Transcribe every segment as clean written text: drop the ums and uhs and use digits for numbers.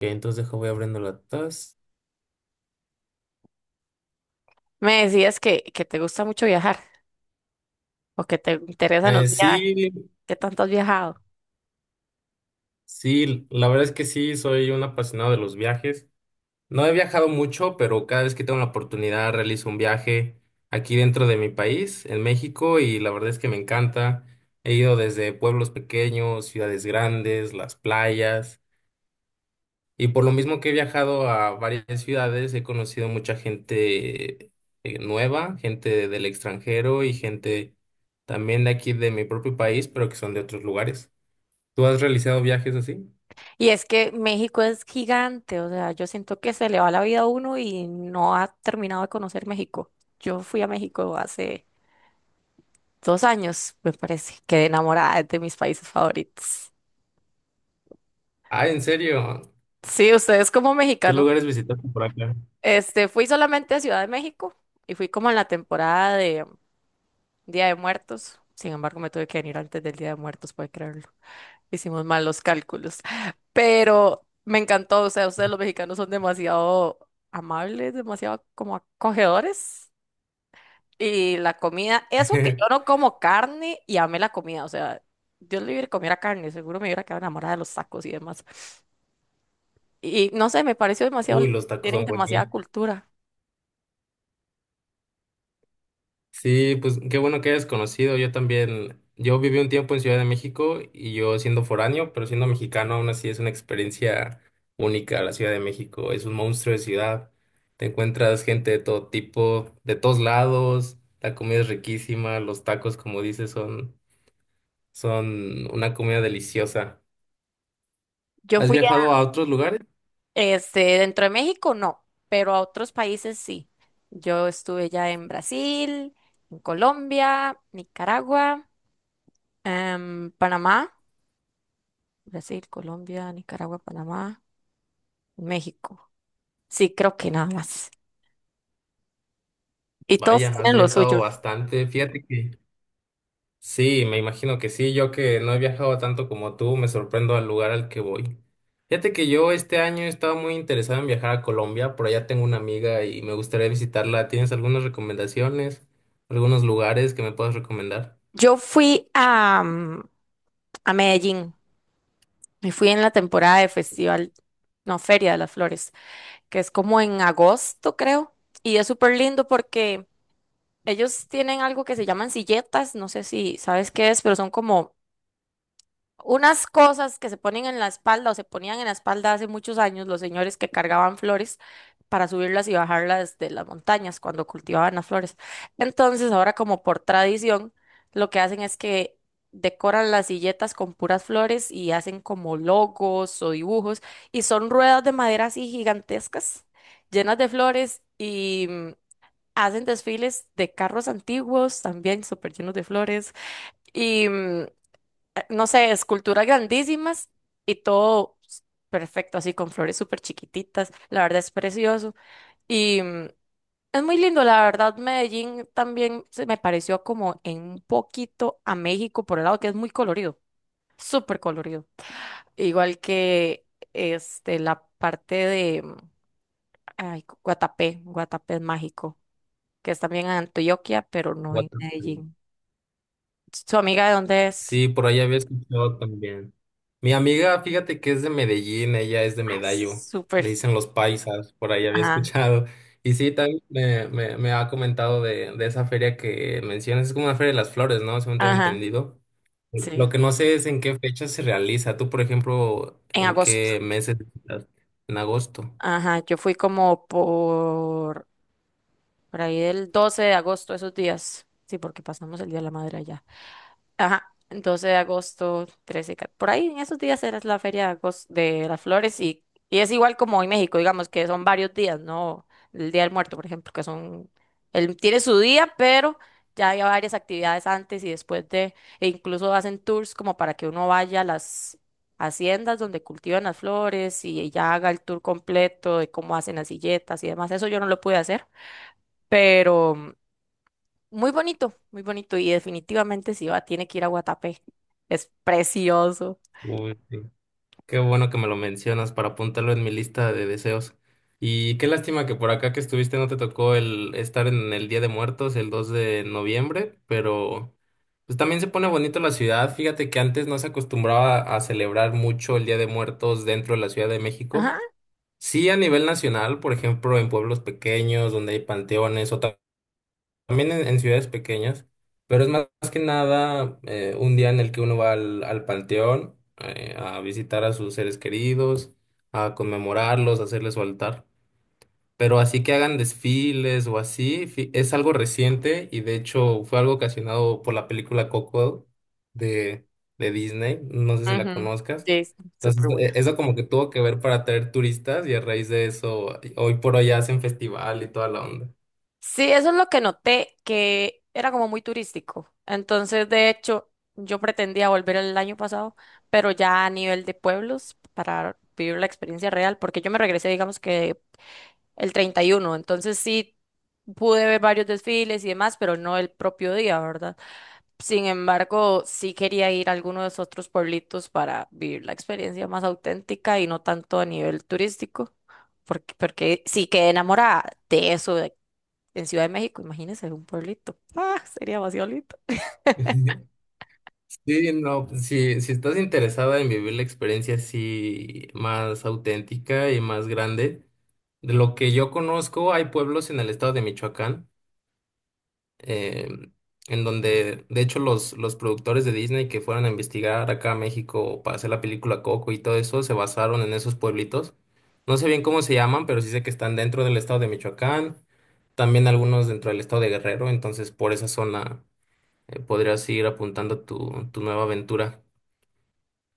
Ok, entonces deja, voy abriendo la taza. Me decías que, te gusta mucho viajar o que te interesan los viajes. Sí, ¿Qué tanto has viajado? sí, la verdad es que sí, soy un apasionado de los viajes. No he viajado mucho, pero cada vez que tengo la oportunidad realizo un viaje aquí dentro de mi país, en México, y la verdad es que me encanta. He ido desde pueblos pequeños, ciudades grandes, las playas. Y por lo mismo que he viajado a varias ciudades, he conocido mucha gente nueva, gente del extranjero y gente también de aquí de mi propio país, pero que son de otros lugares. ¿Tú has realizado viajes así? Y es que México es gigante, o sea, yo siento que se le va la vida a uno y no ha terminado de conocer México. Yo fui a México hace dos años, me parece, quedé enamorada de mis países favoritos. Ah, ¿en serio? Sí, ustedes como ¿Qué mexicanos, lugares visitaste por acá? Fui solamente a Ciudad de México y fui como en la temporada de Día de Muertos. Sin embargo, me tuve que venir antes del Día de Muertos, puede creerlo. Hicimos mal los cálculos. Pero me encantó, o sea, ustedes los mexicanos son demasiado amables, demasiado como acogedores. Y la comida, eso que yo no como carne y amé la comida, o sea, Dios libre que comiera carne, seguro me hubiera quedado enamorada de los tacos y demás. Y no sé, me pareció demasiado Uy, lindo, los tacos tienen son demasiada buenísimos. cultura. Sí, pues qué bueno que hayas conocido. Yo también, yo viví un tiempo en Ciudad de México y yo siendo foráneo, pero siendo mexicano aún así es una experiencia única la Ciudad de México. Es un monstruo de ciudad. Te encuentras gente de todo tipo, de todos lados. La comida es riquísima. Los tacos, como dices, son una comida deliciosa. Yo ¿Has fui viajado a, a otros lugares? Dentro de México no, pero a otros países sí. Yo estuve ya en Brasil, en Colombia, Nicaragua. Panamá, Brasil, Colombia, Nicaragua, Panamá, México. Sí, creo que nada más. Y todos Vaya, has tienen lo viajado suyo. bastante. Fíjate que... Sí, me imagino que sí. Yo que no he viajado tanto como tú, me sorprendo al lugar al que voy. Fíjate que yo este año estaba muy interesado en viajar a Colombia. Por allá tengo una amiga y me gustaría visitarla. ¿Tienes algunas recomendaciones? ¿Algunos lugares que me puedas recomendar? Yo fui a, a Medellín y fui en la temporada de festival, no, Feria de las Flores, que es como en agosto, creo. Y es súper lindo porque ellos tienen algo que se llaman silletas, no sé si sabes qué es, pero son como unas cosas que se ponen en la espalda o se ponían en la espalda hace muchos años los señores que cargaban flores para subirlas y bajarlas de las montañas cuando cultivaban las flores. Entonces, ahora como por tradición, lo que hacen es que decoran las silletas con puras flores y hacen como logos o dibujos y son ruedas de madera así gigantescas, llenas de flores y, hacen desfiles de carros antiguos también súper llenos de flores. Y, no sé, esculturas grandísimas y todo perfecto, así con flores súper chiquititas. La verdad es precioso. Y, es muy lindo, la verdad, Medellín también se me pareció como en un poquito a México por el lado que es muy colorido, súper colorido. Igual que la parte de, ay, Guatapé. Guatapé es mágico, que es también en Antioquia, pero no What? en Medellín. ¿Su amiga de dónde es? Sí, por ahí había escuchado también. Mi amiga, fíjate que es de Medellín, ella es de Ah, Medallo, súper. le dicen los paisas, por ahí había Ajá, escuchado. Y sí, también me ha comentado de esa feria que mencionas, es como una feria de las flores, ¿no? Según tengo ajá, entendido. Lo sí. que no sé es en qué fecha se realiza. Tú, por ejemplo, En ¿en agosto. qué meses visitas? En agosto. Ajá, yo fui como por ahí del 12 de agosto, esos días. Sí, porque pasamos el Día de la Madre allá. Ajá, 12 de agosto, por ahí en esos días era la feria de, de las flores, y es igual como en México, digamos que son varios días, ¿no? El Día del Muerto, por ejemplo, que son, él tiene su día, pero ya hay varias actividades antes y después de, e incluso hacen tours como para que uno vaya a las haciendas donde cultivan las flores y ya haga el tour completo de cómo hacen las silletas y demás. Eso yo no lo pude hacer, muy bonito, muy bonito, y definitivamente si va, tiene que ir a Guatapé. Es precioso. Uy, sí. Qué bueno que me lo mencionas para apuntarlo en mi lista de deseos. Y qué lástima que por acá que estuviste no te tocó el estar en el Día de Muertos el 2 de noviembre, pero pues también se pone bonito la ciudad. Fíjate que antes no se acostumbraba a celebrar mucho el Día de Muertos dentro de la Ciudad de México. Ajá. Sí, a nivel nacional, por ejemplo, en pueblos pequeños donde hay panteones o también en ciudades pequeñas, pero es más que nada un día en el que uno va al panteón, a visitar a sus seres queridos, a conmemorarlos, a hacerles su altar. Pero así que hagan desfiles o así, es algo reciente y de hecho fue algo ocasionado por la película Coco de, de Disney, no sé si la Ujú. conozcas. Sí, es Entonces, súper buena. eso como que tuvo que ver para atraer turistas y a raíz de eso, hoy por hoy hacen festival y toda la onda. Sí, eso es lo que noté, que era como muy turístico. Entonces, de hecho, yo pretendía volver el año pasado, pero ya a nivel de pueblos para vivir la experiencia real, porque yo me regresé, digamos que el 31. Entonces sí pude ver varios desfiles y demás, pero no el propio día, ¿verdad? Sin embargo, sí quería ir a alguno de esos otros pueblitos para vivir la experiencia más auténtica y no tanto a nivel turístico, porque sí quedé enamorada de en Ciudad de México, imagínense un pueblito. Ah, sería demasiado lindo. Sí, no, pues, si, si estás interesada en vivir la experiencia así más auténtica y más grande, de lo que yo conozco, hay pueblos en el estado de Michoacán, eh, en donde, de hecho, los productores de Disney que fueron a investigar acá a México para hacer la película Coco y todo eso, se basaron en esos pueblitos. No sé bien cómo se llaman, pero sí sé que están dentro del estado de Michoacán, también algunos dentro del estado de Guerrero, entonces por esa zona, podrías ir apuntando tu nueva aventura.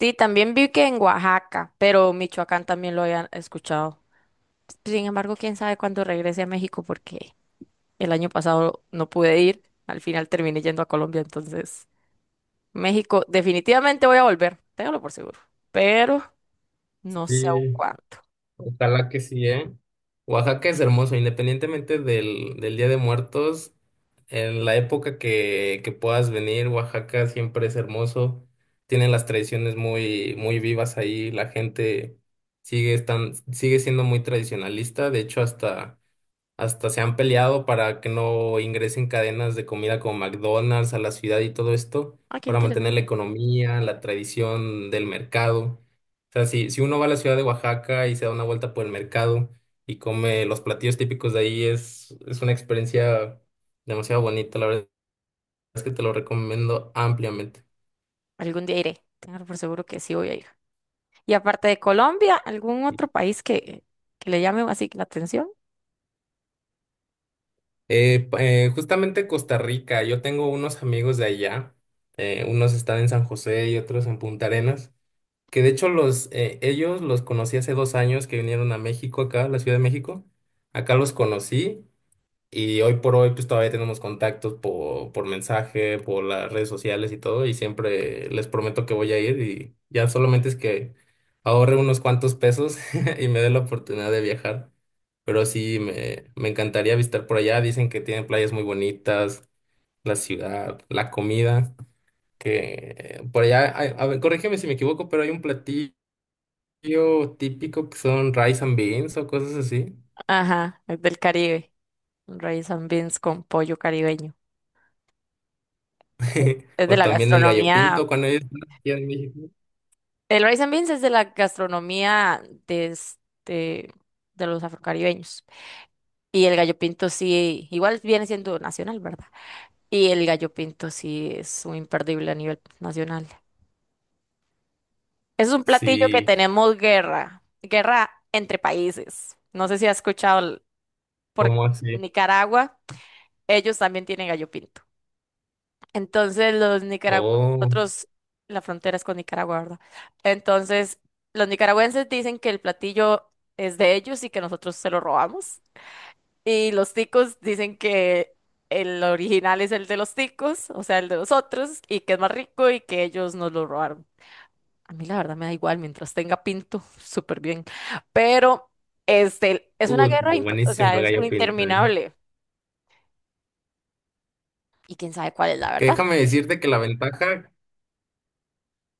Sí, también vi que en Oaxaca, pero Michoacán también lo habían escuchado. Sin embargo, quién sabe cuándo regrese a México porque el año pasado no pude ir, al final terminé yendo a Colombia, entonces México definitivamente voy a volver, téngalo por seguro. Pero no sé aún Sí. cuándo. Ojalá que sí, ¿eh? Oaxaca es hermoso, independientemente del Día de Muertos, en la época que puedas venir, Oaxaca siempre es hermoso, tiene las tradiciones muy, muy vivas ahí, la gente sigue, sigue siendo muy tradicionalista, de hecho hasta... Hasta se han peleado para que no ingresen cadenas de comida como McDonald's a la ciudad y todo esto, Ah, qué para mantener la interesante. economía, la tradición del mercado. O sea, si, si uno va a la ciudad de Oaxaca y se da una vuelta por el mercado y come los platillos típicos de ahí, es una experiencia demasiado bonita. La verdad es que te lo recomiendo ampliamente. Algún día iré. Tengo por seguro que sí voy a ir. Y aparte de Colombia, ¿algún otro país que le llame así la atención? Justamente Costa Rica, yo tengo unos amigos de allá, unos están en San José y otros en Punta Arenas. Que de hecho ellos los conocí hace dos años que vinieron a México, acá, a la Ciudad de México. Acá los conocí y hoy por hoy pues todavía tenemos contactos por mensaje, por las redes sociales y todo. Y siempre les prometo que voy a ir y ya solamente es que ahorre unos cuantos pesos y me dé la oportunidad de viajar. Pero sí, me encantaría visitar por allá. Dicen que tienen playas muy bonitas, la ciudad, la comida, que por allá, a ver, corrígeme si me equivoco, pero hay un platillo típico que son rice and beans o cosas así. Ajá, es del Caribe. Un rice and beans con pollo caribeño. Es de O la también el gallo pinto gastronomía. cuando yo estaba aquí en México. El rice and beans es de la gastronomía de, de los afrocaribeños. Y el gallo pinto sí, igual viene siendo nacional, ¿verdad? Y el gallo pinto sí es un imperdible a nivel nacional. Es un platillo que Sí, tenemos guerra entre países. No sé si has escuchado por ¿cómo así? Nicaragua, ellos también tienen gallo pinto. Entonces los nicaragüenses, Oh, nosotros, la frontera es con Nicaragua, ¿verdad? Entonces los nicaragüenses dicen que el platillo es de ellos y que nosotros se lo robamos. Y los ticos dicen que el original es el de los ticos, o sea, el de nosotros, y que es más rico y que ellos nos lo robaron. A mí la verdad me da igual, mientras tenga pinto, súper bien. Pero es una uy, guerra, pero o buenísimo sea, el es una gallo pinto, ¿eh? interminable. Y quién sabe cuál es la Que verdad. déjame decirte que la ventaja,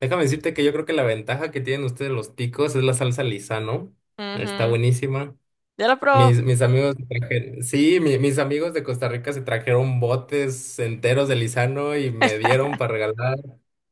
déjame decirte que yo creo que la ventaja que tienen ustedes los ticos es la salsa lisa, ¿no? Está Ujú. buenísima. Ya lo probó. Mis amigos se trajeron, sí, mis amigos de Costa Rica se trajeron botes enteros de Lizano y me dieron para regalar.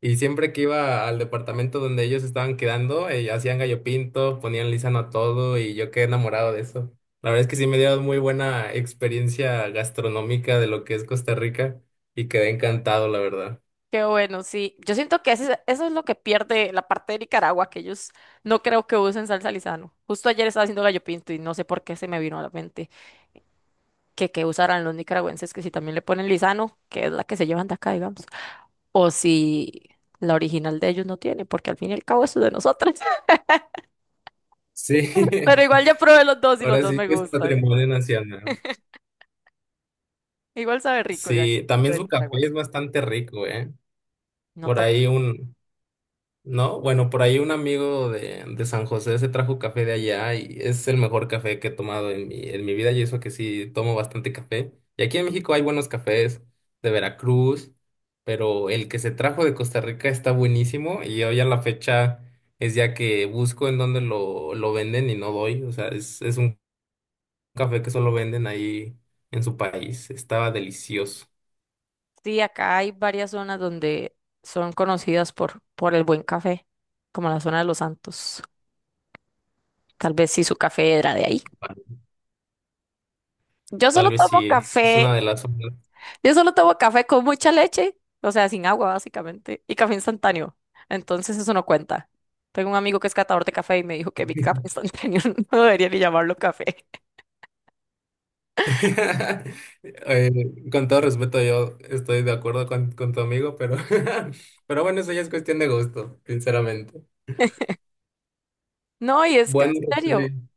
Y siempre que iba al departamento donde ellos estaban quedando, hacían gallo pinto, ponían Lizano a todo y yo quedé enamorado de eso. La verdad es que sí me dieron muy buena experiencia gastronómica de lo que es Costa Rica y quedé encantado, la verdad. Qué bueno, sí. Yo siento que eso es lo que pierde la parte de Nicaragua, que ellos no creo que usen salsa Lizano. Justo ayer estaba haciendo gallo pinto y no sé por qué se me vino a la mente que usarán los nicaragüenses, que si también le ponen Lizano, que es la que se llevan de acá, digamos, o si la original de ellos no tiene, porque al fin y al cabo eso es de nosotros. Pero Sí, igual ya probé los dos y los ahora dos sí me que es gustan. patrimonio nacional. Igual sabe rico el gallo Sí, también de su café Nicaragua. es bastante rico, ¿eh? No Por toca. ahí un... No, bueno, por ahí un amigo de San José se trajo café de allá y es el mejor café que he tomado en en mi vida y eso que sí tomo bastante café. Y aquí en México hay buenos cafés de Veracruz, pero el que se trajo de Costa Rica está buenísimo y hoy a la fecha es ya que busco en dónde lo venden y no doy. O sea, es un café que solo venden ahí en su país. Estaba delicioso. Sí, acá hay varias zonas donde son conocidas por el buen café, como la zona de Los Santos. Tal vez sí su café era de ahí. Yo Tal solo vez tomo sí, es una café, de las... yo solo tomo café con mucha leche, o sea, sin agua básicamente, y café instantáneo. Entonces eso no cuenta. Tengo un amigo que es catador de café y me dijo que mi café instantáneo no debería ni llamarlo café. Eh, con todo respeto, yo estoy de acuerdo con tu amigo, pero, pero bueno, eso ya es cuestión de gusto, sinceramente. No, y es que en Bueno, serio, Roseli,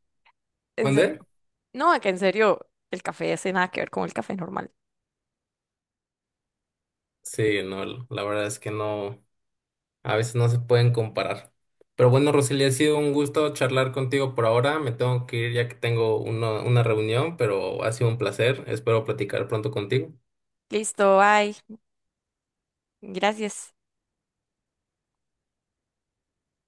en serio. ¿mandé? No, que en serio, el café hace nada que ver con el café normal. Sí, no, la verdad es que no, a veces no se pueden comparar. Pero bueno, Roseli, ha sido un gusto charlar contigo por ahora. Me tengo que ir ya que tengo una reunión, pero ha sido un placer. Espero platicar pronto contigo. Listo, bye. Gracias.